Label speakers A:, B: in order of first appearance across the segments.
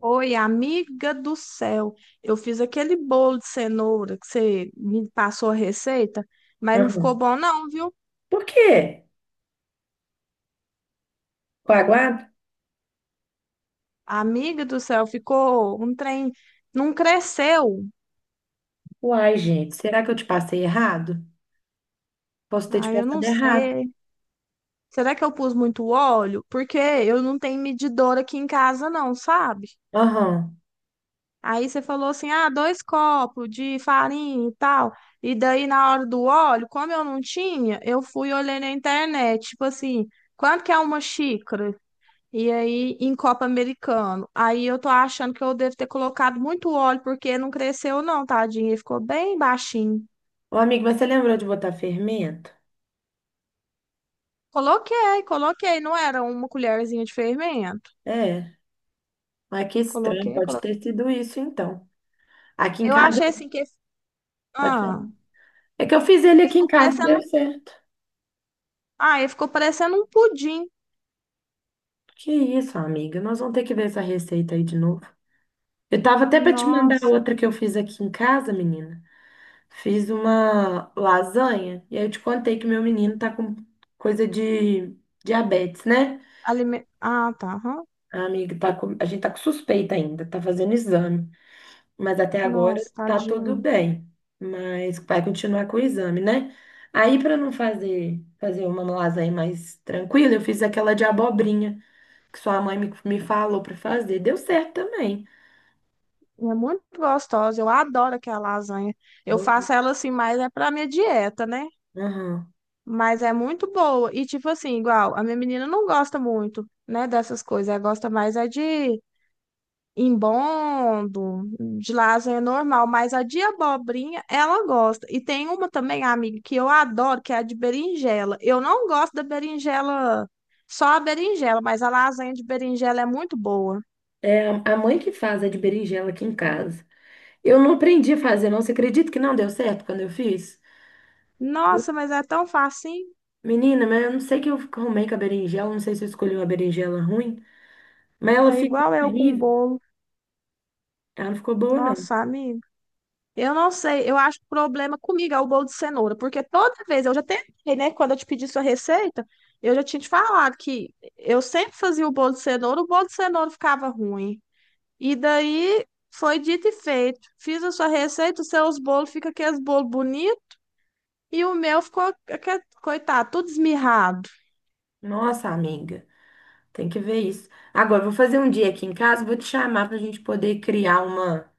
A: Oi, amiga do céu. Eu fiz aquele bolo de cenoura que você me passou a receita, mas não ficou
B: Aham.
A: bom não, viu?
B: Por quê? Coaguado?
A: Amiga do céu, ficou um trem, não cresceu.
B: Uai, gente, será que eu te passei errado? Posso ter te
A: Ah, eu não
B: passado errado.
A: sei. Será que eu pus muito óleo? Porque eu não tenho medidor aqui em casa não, sabe?
B: Aham.
A: Aí você falou assim: "Ah, dois copos de farinha e tal". E daí na hora do óleo, como eu não tinha, eu fui olhei na internet, tipo assim, quanto que é uma xícara? E aí, em copo americano. Aí eu tô achando que eu devo ter colocado muito óleo, porque não cresceu, não, tadinho. Ele ficou bem baixinho.
B: Ô, amigo, mas você lembrou de botar fermento?
A: Coloquei, coloquei. Não era uma colherzinha de fermento.
B: É. Mas que estranho,
A: Coloquei,
B: pode
A: coloquei.
B: ter sido isso, então. Aqui em
A: Eu
B: casa,
A: achei assim que.
B: pode falar.
A: Ah,
B: É que eu fiz ele
A: ele
B: aqui em
A: ficou
B: casa e deu
A: parecendo.
B: certo.
A: Ah, ele ficou parecendo um pudim.
B: Que isso, amiga, nós vamos ter que ver essa receita aí de novo. Eu tava até pra te mandar
A: Nossa.
B: outra que eu fiz aqui em casa, menina. Fiz uma lasanha, e aí eu te contei que meu menino tá com coisa de diabetes, né?
A: Ah, tá. Aham.
B: A amiga, a gente tá com suspeita ainda, tá fazendo exame, mas até agora
A: Nossa,
B: tá tudo
A: tadinho.
B: bem. Mas vai continuar com o exame, né? Aí, para não fazer uma lasanha mais tranquila, eu fiz aquela de abobrinha que sua mãe me falou para fazer. Deu certo também.
A: É muito gostosa. Eu adoro aquela lasanha. Eu
B: Bo-
A: faço ela assim, mas é pra minha dieta, né?
B: Aham.
A: Mas é muito boa. E, tipo assim, igual, a minha menina não gosta muito, né, dessas coisas. Ela gosta mais é de embondo, de lasanha normal. Mas a de abobrinha, ela gosta. E tem uma também, amiga, que eu adoro, que é a de berinjela. Eu não gosto da berinjela, só a berinjela, mas a lasanha de berinjela é muito boa.
B: É a mãe que faz a de berinjela aqui em casa. Eu não aprendi a fazer, não. Você acredita que não deu certo quando eu fiz?
A: Nossa, mas é tão facinho.
B: Menina, mas eu não sei o que eu arrumei com a berinjela, não sei se eu escolhi uma berinjela ruim. Mas ela
A: Tá
B: ficou
A: igual eu com o
B: horrível.
A: bolo.
B: Ela não ficou boa, não.
A: Nossa, amiga. Eu não sei, eu acho que o problema comigo é o bolo de cenoura, porque toda vez eu já tentei, né? Quando eu te pedi sua receita, eu já tinha te falado que eu sempre fazia o bolo de cenoura, o bolo de cenoura ficava ruim. E daí foi dito e feito. Fiz a sua receita, os seus bolos ficam aqueles bolos bonitos e o meu ficou, coitado, tudo esmirrado.
B: Nossa, amiga, tem que ver isso. Agora, eu vou fazer um dia aqui em casa, vou te chamar para a gente poder criar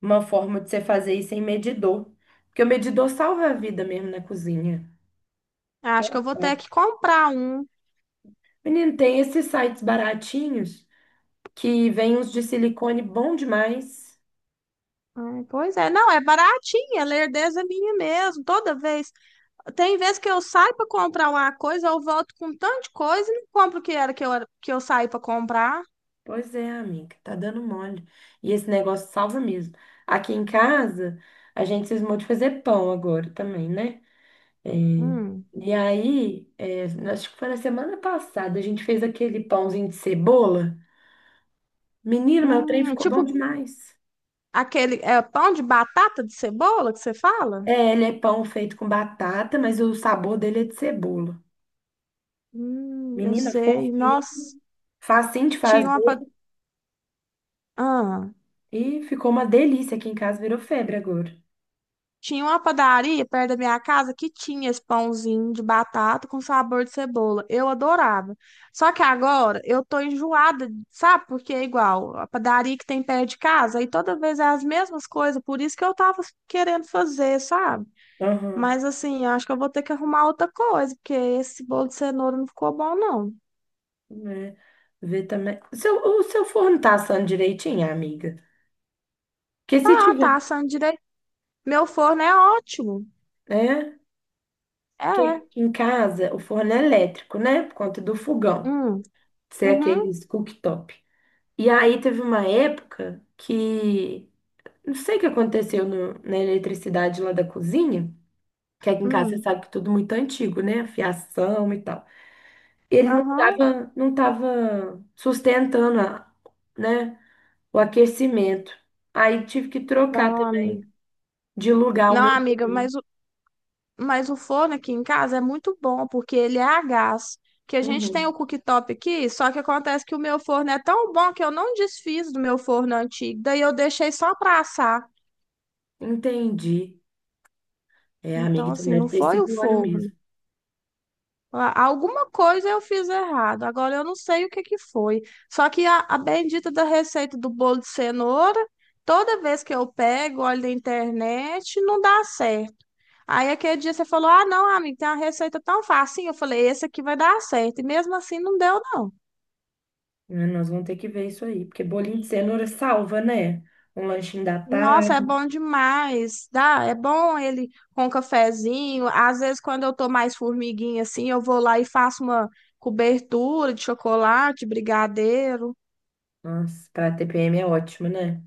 B: uma forma de você fazer isso em medidor. Porque o medidor salva a vida mesmo na cozinha.
A: Acho que eu vou ter que
B: É.
A: comprar um.
B: Menino, tem esses sites baratinhos que vêm uns de silicone bom demais.
A: Pois é, não, é baratinha, lerdeza é minha mesmo. Toda vez. Tem vezes que eu saio para comprar uma coisa, eu volto com tanto de coisa e não compro o que era que eu saí para comprar.
B: Pois é, amiga, tá dando mole. E esse negócio salva mesmo. Aqui em casa, a gente se esmou de fazer pão agora também, né?
A: Hum.
B: E aí, acho que foi na semana passada, a gente fez aquele pãozinho de cebola. Menino, meu trem ficou bom
A: Tipo
B: demais.
A: aquele é, pão de batata de cebola que você fala?
B: É, ele é pão feito com batata, mas o sabor dele é de cebola.
A: Eu
B: Menina,
A: sei.
B: fofinho,
A: Nossa,
B: facinho de
A: tinha uma.
B: fazer.
A: Ah.
B: E ficou uma delícia aqui em casa, virou febre agora.
A: Tinha uma padaria perto da minha casa que tinha esse pãozinho de batata com sabor de cebola. Eu adorava. Só que agora eu tô enjoada, sabe? Porque é igual a padaria que tem perto de casa, e toda vez é as mesmas coisas, por isso que eu tava querendo fazer, sabe?
B: Aham,
A: Mas assim, eu acho que eu vou ter que arrumar outra coisa, porque esse bolo de cenoura não ficou bom, não.
B: né? Vê também. O seu forno tá assando direitinho, amiga? Porque se
A: Tá,
B: tiver,
A: tá assando direito. Meu forno é ótimo.
B: né? Porque
A: É.
B: aqui em casa o forno é elétrico, né? Por conta do fogão,
A: Hum,
B: ser
A: uhum,
B: aqueles cooktop. E aí teve uma época que não sei o que aconteceu na eletricidade lá da cozinha, que aqui em casa você
A: hum,
B: sabe que é tudo muito antigo, né? A Fiação e tal. Ele não
A: aham.
B: tava, não tava sustentando né, o aquecimento. Aí tive que trocar
A: Não,
B: também
A: amiga.
B: de lugar o
A: Não,
B: meu
A: amiga,
B: óleo.
A: mas o forno aqui em casa é muito bom, porque ele é a gás. Que a gente tem o
B: Uhum.
A: cooktop aqui, só que acontece que o meu forno é tão bom que eu não desfiz do meu forno antigo, daí eu deixei só para assar.
B: Entendi. É, amiga,
A: Então,
B: então
A: assim, não
B: deve ter
A: foi o
B: sido o óleo
A: forno.
B: mesmo.
A: Alguma coisa eu fiz errado, agora eu não sei o que que foi. Só que a bendita da receita do bolo de cenoura, toda vez que eu pego, olho na internet, não dá certo. Aí aquele dia você falou: Ah, não, amigo, tem uma receita tão fácil. Eu falei: Esse aqui vai dar certo. E mesmo assim não deu, não.
B: Né, nós vamos ter que ver isso aí, porque bolinho de cenoura salva, né? Um lanchinho da
A: Nossa, é
B: tarde.
A: bom demais. Dá, é bom ele com um cafezinho. Às vezes, quando eu tô mais formiguinha assim, eu vou lá e faço uma cobertura de chocolate, brigadeiro.
B: Nossa, pra TPM é ótimo, né?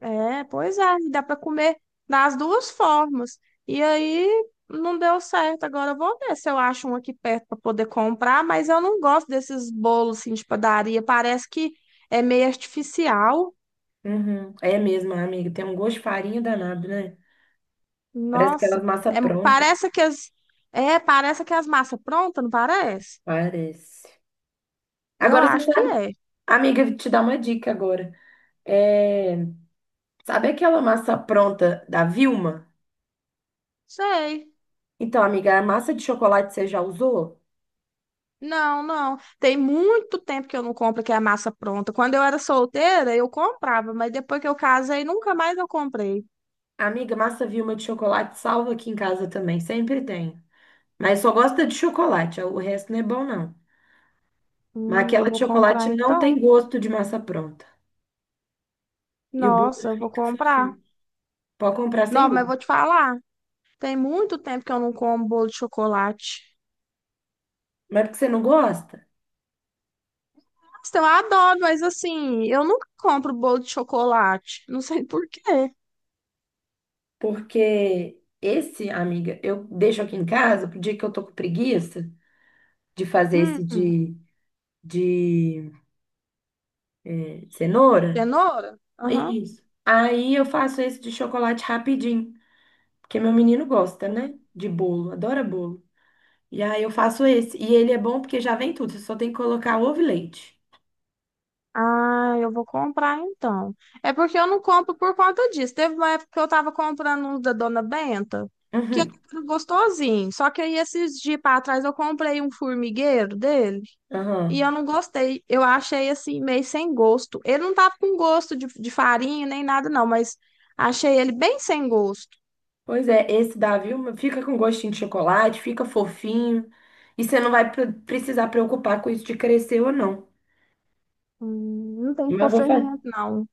A: É, pois é, e dá para comer das duas formas. E aí não deu certo. Agora eu vou ver se eu acho um aqui perto para poder comprar, mas eu não gosto desses bolos assim, de padaria. Parece que é meio artificial.
B: Uhum. É mesmo, amiga. Tem um gosto de farinha danado, né? Parece aquelas
A: Nossa, é,
B: massa pronta.
A: parece que as parece que as massas prontas, não parece?
B: Parece.
A: Eu
B: Agora você
A: acho que
B: sabe,
A: é.
B: amiga, vou te dar uma dica agora. É, Sabe aquela massa pronta da Vilma?
A: Sei.
B: Então, amiga, a massa de chocolate você já usou?
A: Não, não. Tem muito tempo que eu não compro que é massa pronta. Quando eu era solteira, eu comprava, mas depois que eu casei, nunca mais eu comprei.
B: Amiga, massa Vilma de chocolate salva aqui em casa também, sempre tem. Mas só gosta de chocolate, o resto não é bom, não. Mas aquela
A: Eu
B: de
A: vou comprar
B: chocolate não
A: então.
B: tem gosto de massa pronta. E o bolo
A: Nossa, eu vou
B: fica
A: comprar.
B: fofinho. Pode comprar sem
A: Não, mas eu
B: medo.
A: vou te falar. Tem muito tempo que eu não como bolo de chocolate.
B: Mas porque você não gosta?
A: Nossa, eu adoro, mas assim, eu nunca compro bolo de chocolate. Não sei por quê.
B: Porque esse, amiga, eu deixo aqui em casa pro dia que eu tô com preguiça de fazer esse
A: Hum,
B: de cenoura.
A: Cenoura? Aham.
B: Isso. Aí eu faço esse de chocolate rapidinho, porque meu menino gosta, né? De bolo, adora bolo. E aí eu faço esse. E ele é bom porque já vem tudo, você só tem que colocar ovo e leite.
A: Ah, eu vou comprar então. É porque eu não compro por conta disso. Teve uma época que eu tava comprando um da Dona Benta, que era
B: Uhum.
A: gostosinho. Só que aí esses dias pra trás eu comprei um formigueiro dele. E eu
B: Aham.
A: não gostei. Eu achei assim, meio sem gosto. Ele não tava com gosto de farinha nem nada, não, mas achei ele bem sem gosto.
B: Pois é, esse da Vilma fica com gostinho de chocolate, fica fofinho. E você não vai precisar preocupar com isso de crescer ou não.
A: Não tem que pôr
B: Mas vou
A: fermento,
B: fazer.
A: não.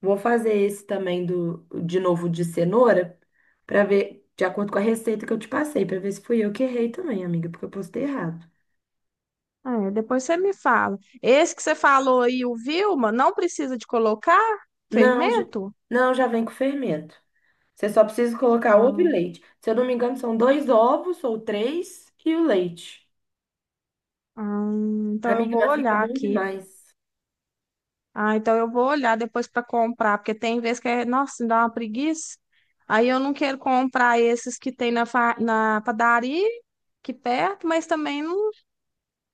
B: Vou fazer esse também de novo de cenoura, para ver, de acordo com a receita que eu te passei, para ver se fui eu que errei também, amiga, porque eu postei errado.
A: É, depois você me fala. Esse que você falou aí, o Vilma, não precisa de colocar
B: Não, já,
A: fermento?
B: não, já vem com fermento. Você só precisa colocar ovo e
A: Ah,
B: leite. Se eu não me engano, são dois ovos ou três e o leite.
A: ah, então eu
B: Amiga,
A: vou
B: mas fica
A: olhar
B: bom
A: aqui.
B: demais.
A: Ah, então eu vou olhar depois para comprar, porque tem vezes que é, nossa, me dá uma preguiça. Aí eu não quero comprar esses que tem na, na padaria aqui perto, mas também não,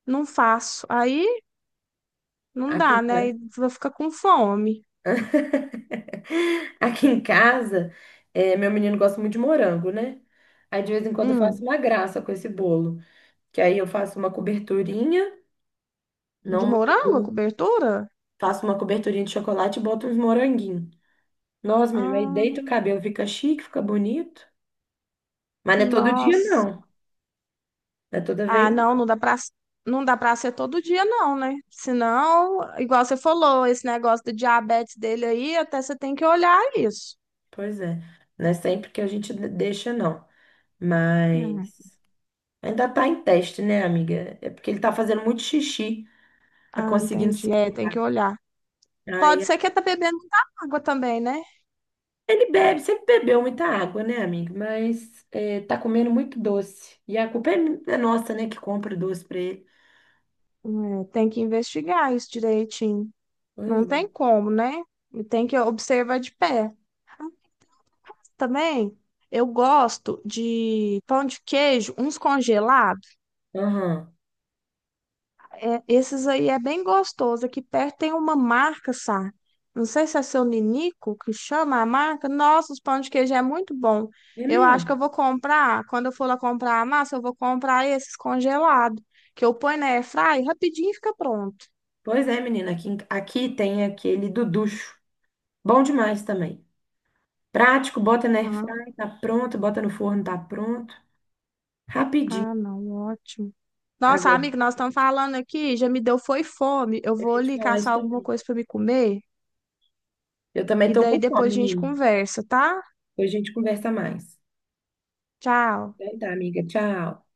A: não faço. Aí não
B: Aqui em
A: dá, né? Aí
B: casa.
A: vou ficar com fome.
B: Aqui em casa, meu menino gosta muito de morango, né? Aí de vez em quando eu faço
A: Hum,
B: uma graça com esse bolo, que aí eu faço uma coberturinha,
A: de
B: não muito
A: morango a
B: duro,
A: cobertura?
B: faço uma coberturinha de chocolate e boto uns moranguinhos. Nossa, menino, aí deita
A: Ah,
B: o cabelo, fica chique, fica bonito. Mas não é todo dia,
A: nossa.
B: não. Não é toda vez.
A: Ah, não, não dá para ser todo dia não, né? Senão, igual você falou, esse negócio do diabetes dele aí, até você tem que olhar isso.
B: Pois é. Não é sempre que a gente deixa, não.
A: Né?
B: Mas ainda tá em teste, né, amiga? É porque ele tá fazendo muito xixi, tá
A: Ah,
B: conseguindo
A: entendi.
B: se.
A: É, tem que olhar. Pode
B: Aí
A: ser que tá bebendo muita água também, né?
B: ele bebe, sempre bebeu muita água, né, amigo? Mas é, tá comendo muito doce. E a culpa é, é nossa, né, que compra o doce pra ele.
A: É, tem que investigar isso direitinho.
B: Pois
A: Não
B: é.
A: tem como, né? Tem que observar de pé. Também eu gosto de pão de queijo, uns congelados.
B: Aham.
A: É, esses aí é bem gostoso. Aqui perto tem uma marca, sabe? Não sei se é seu Ninico que chama a marca. Nossa, os pão de queijo é muito bom.
B: É
A: Eu acho que
B: mesmo.
A: eu vou comprar. Quando eu for lá comprar a massa, eu vou comprar esses congelados. Que eu ponho na airfryer, rapidinho fica pronto.
B: Pois é, menina. Aqui, aqui tem aquele duducho. Bom demais também. Prático, bota na
A: Ah,
B: airfryer, tá pronto. Bota no forno, tá pronto. Rapidinho.
A: ah, não, ótimo. Nossa,
B: Agora,
A: amigo, nós estamos falando aqui, já me deu foi fome. Eu
B: eu
A: vou
B: ia te
A: ali
B: falar isso
A: caçar alguma
B: também.
A: coisa para me comer
B: Eu também
A: e
B: tô
A: daí
B: com fome,
A: depois a gente
B: menino.
A: conversa, tá?
B: Depois a gente conversa mais.
A: Tchau.
B: Então tá, amiga. Tchau.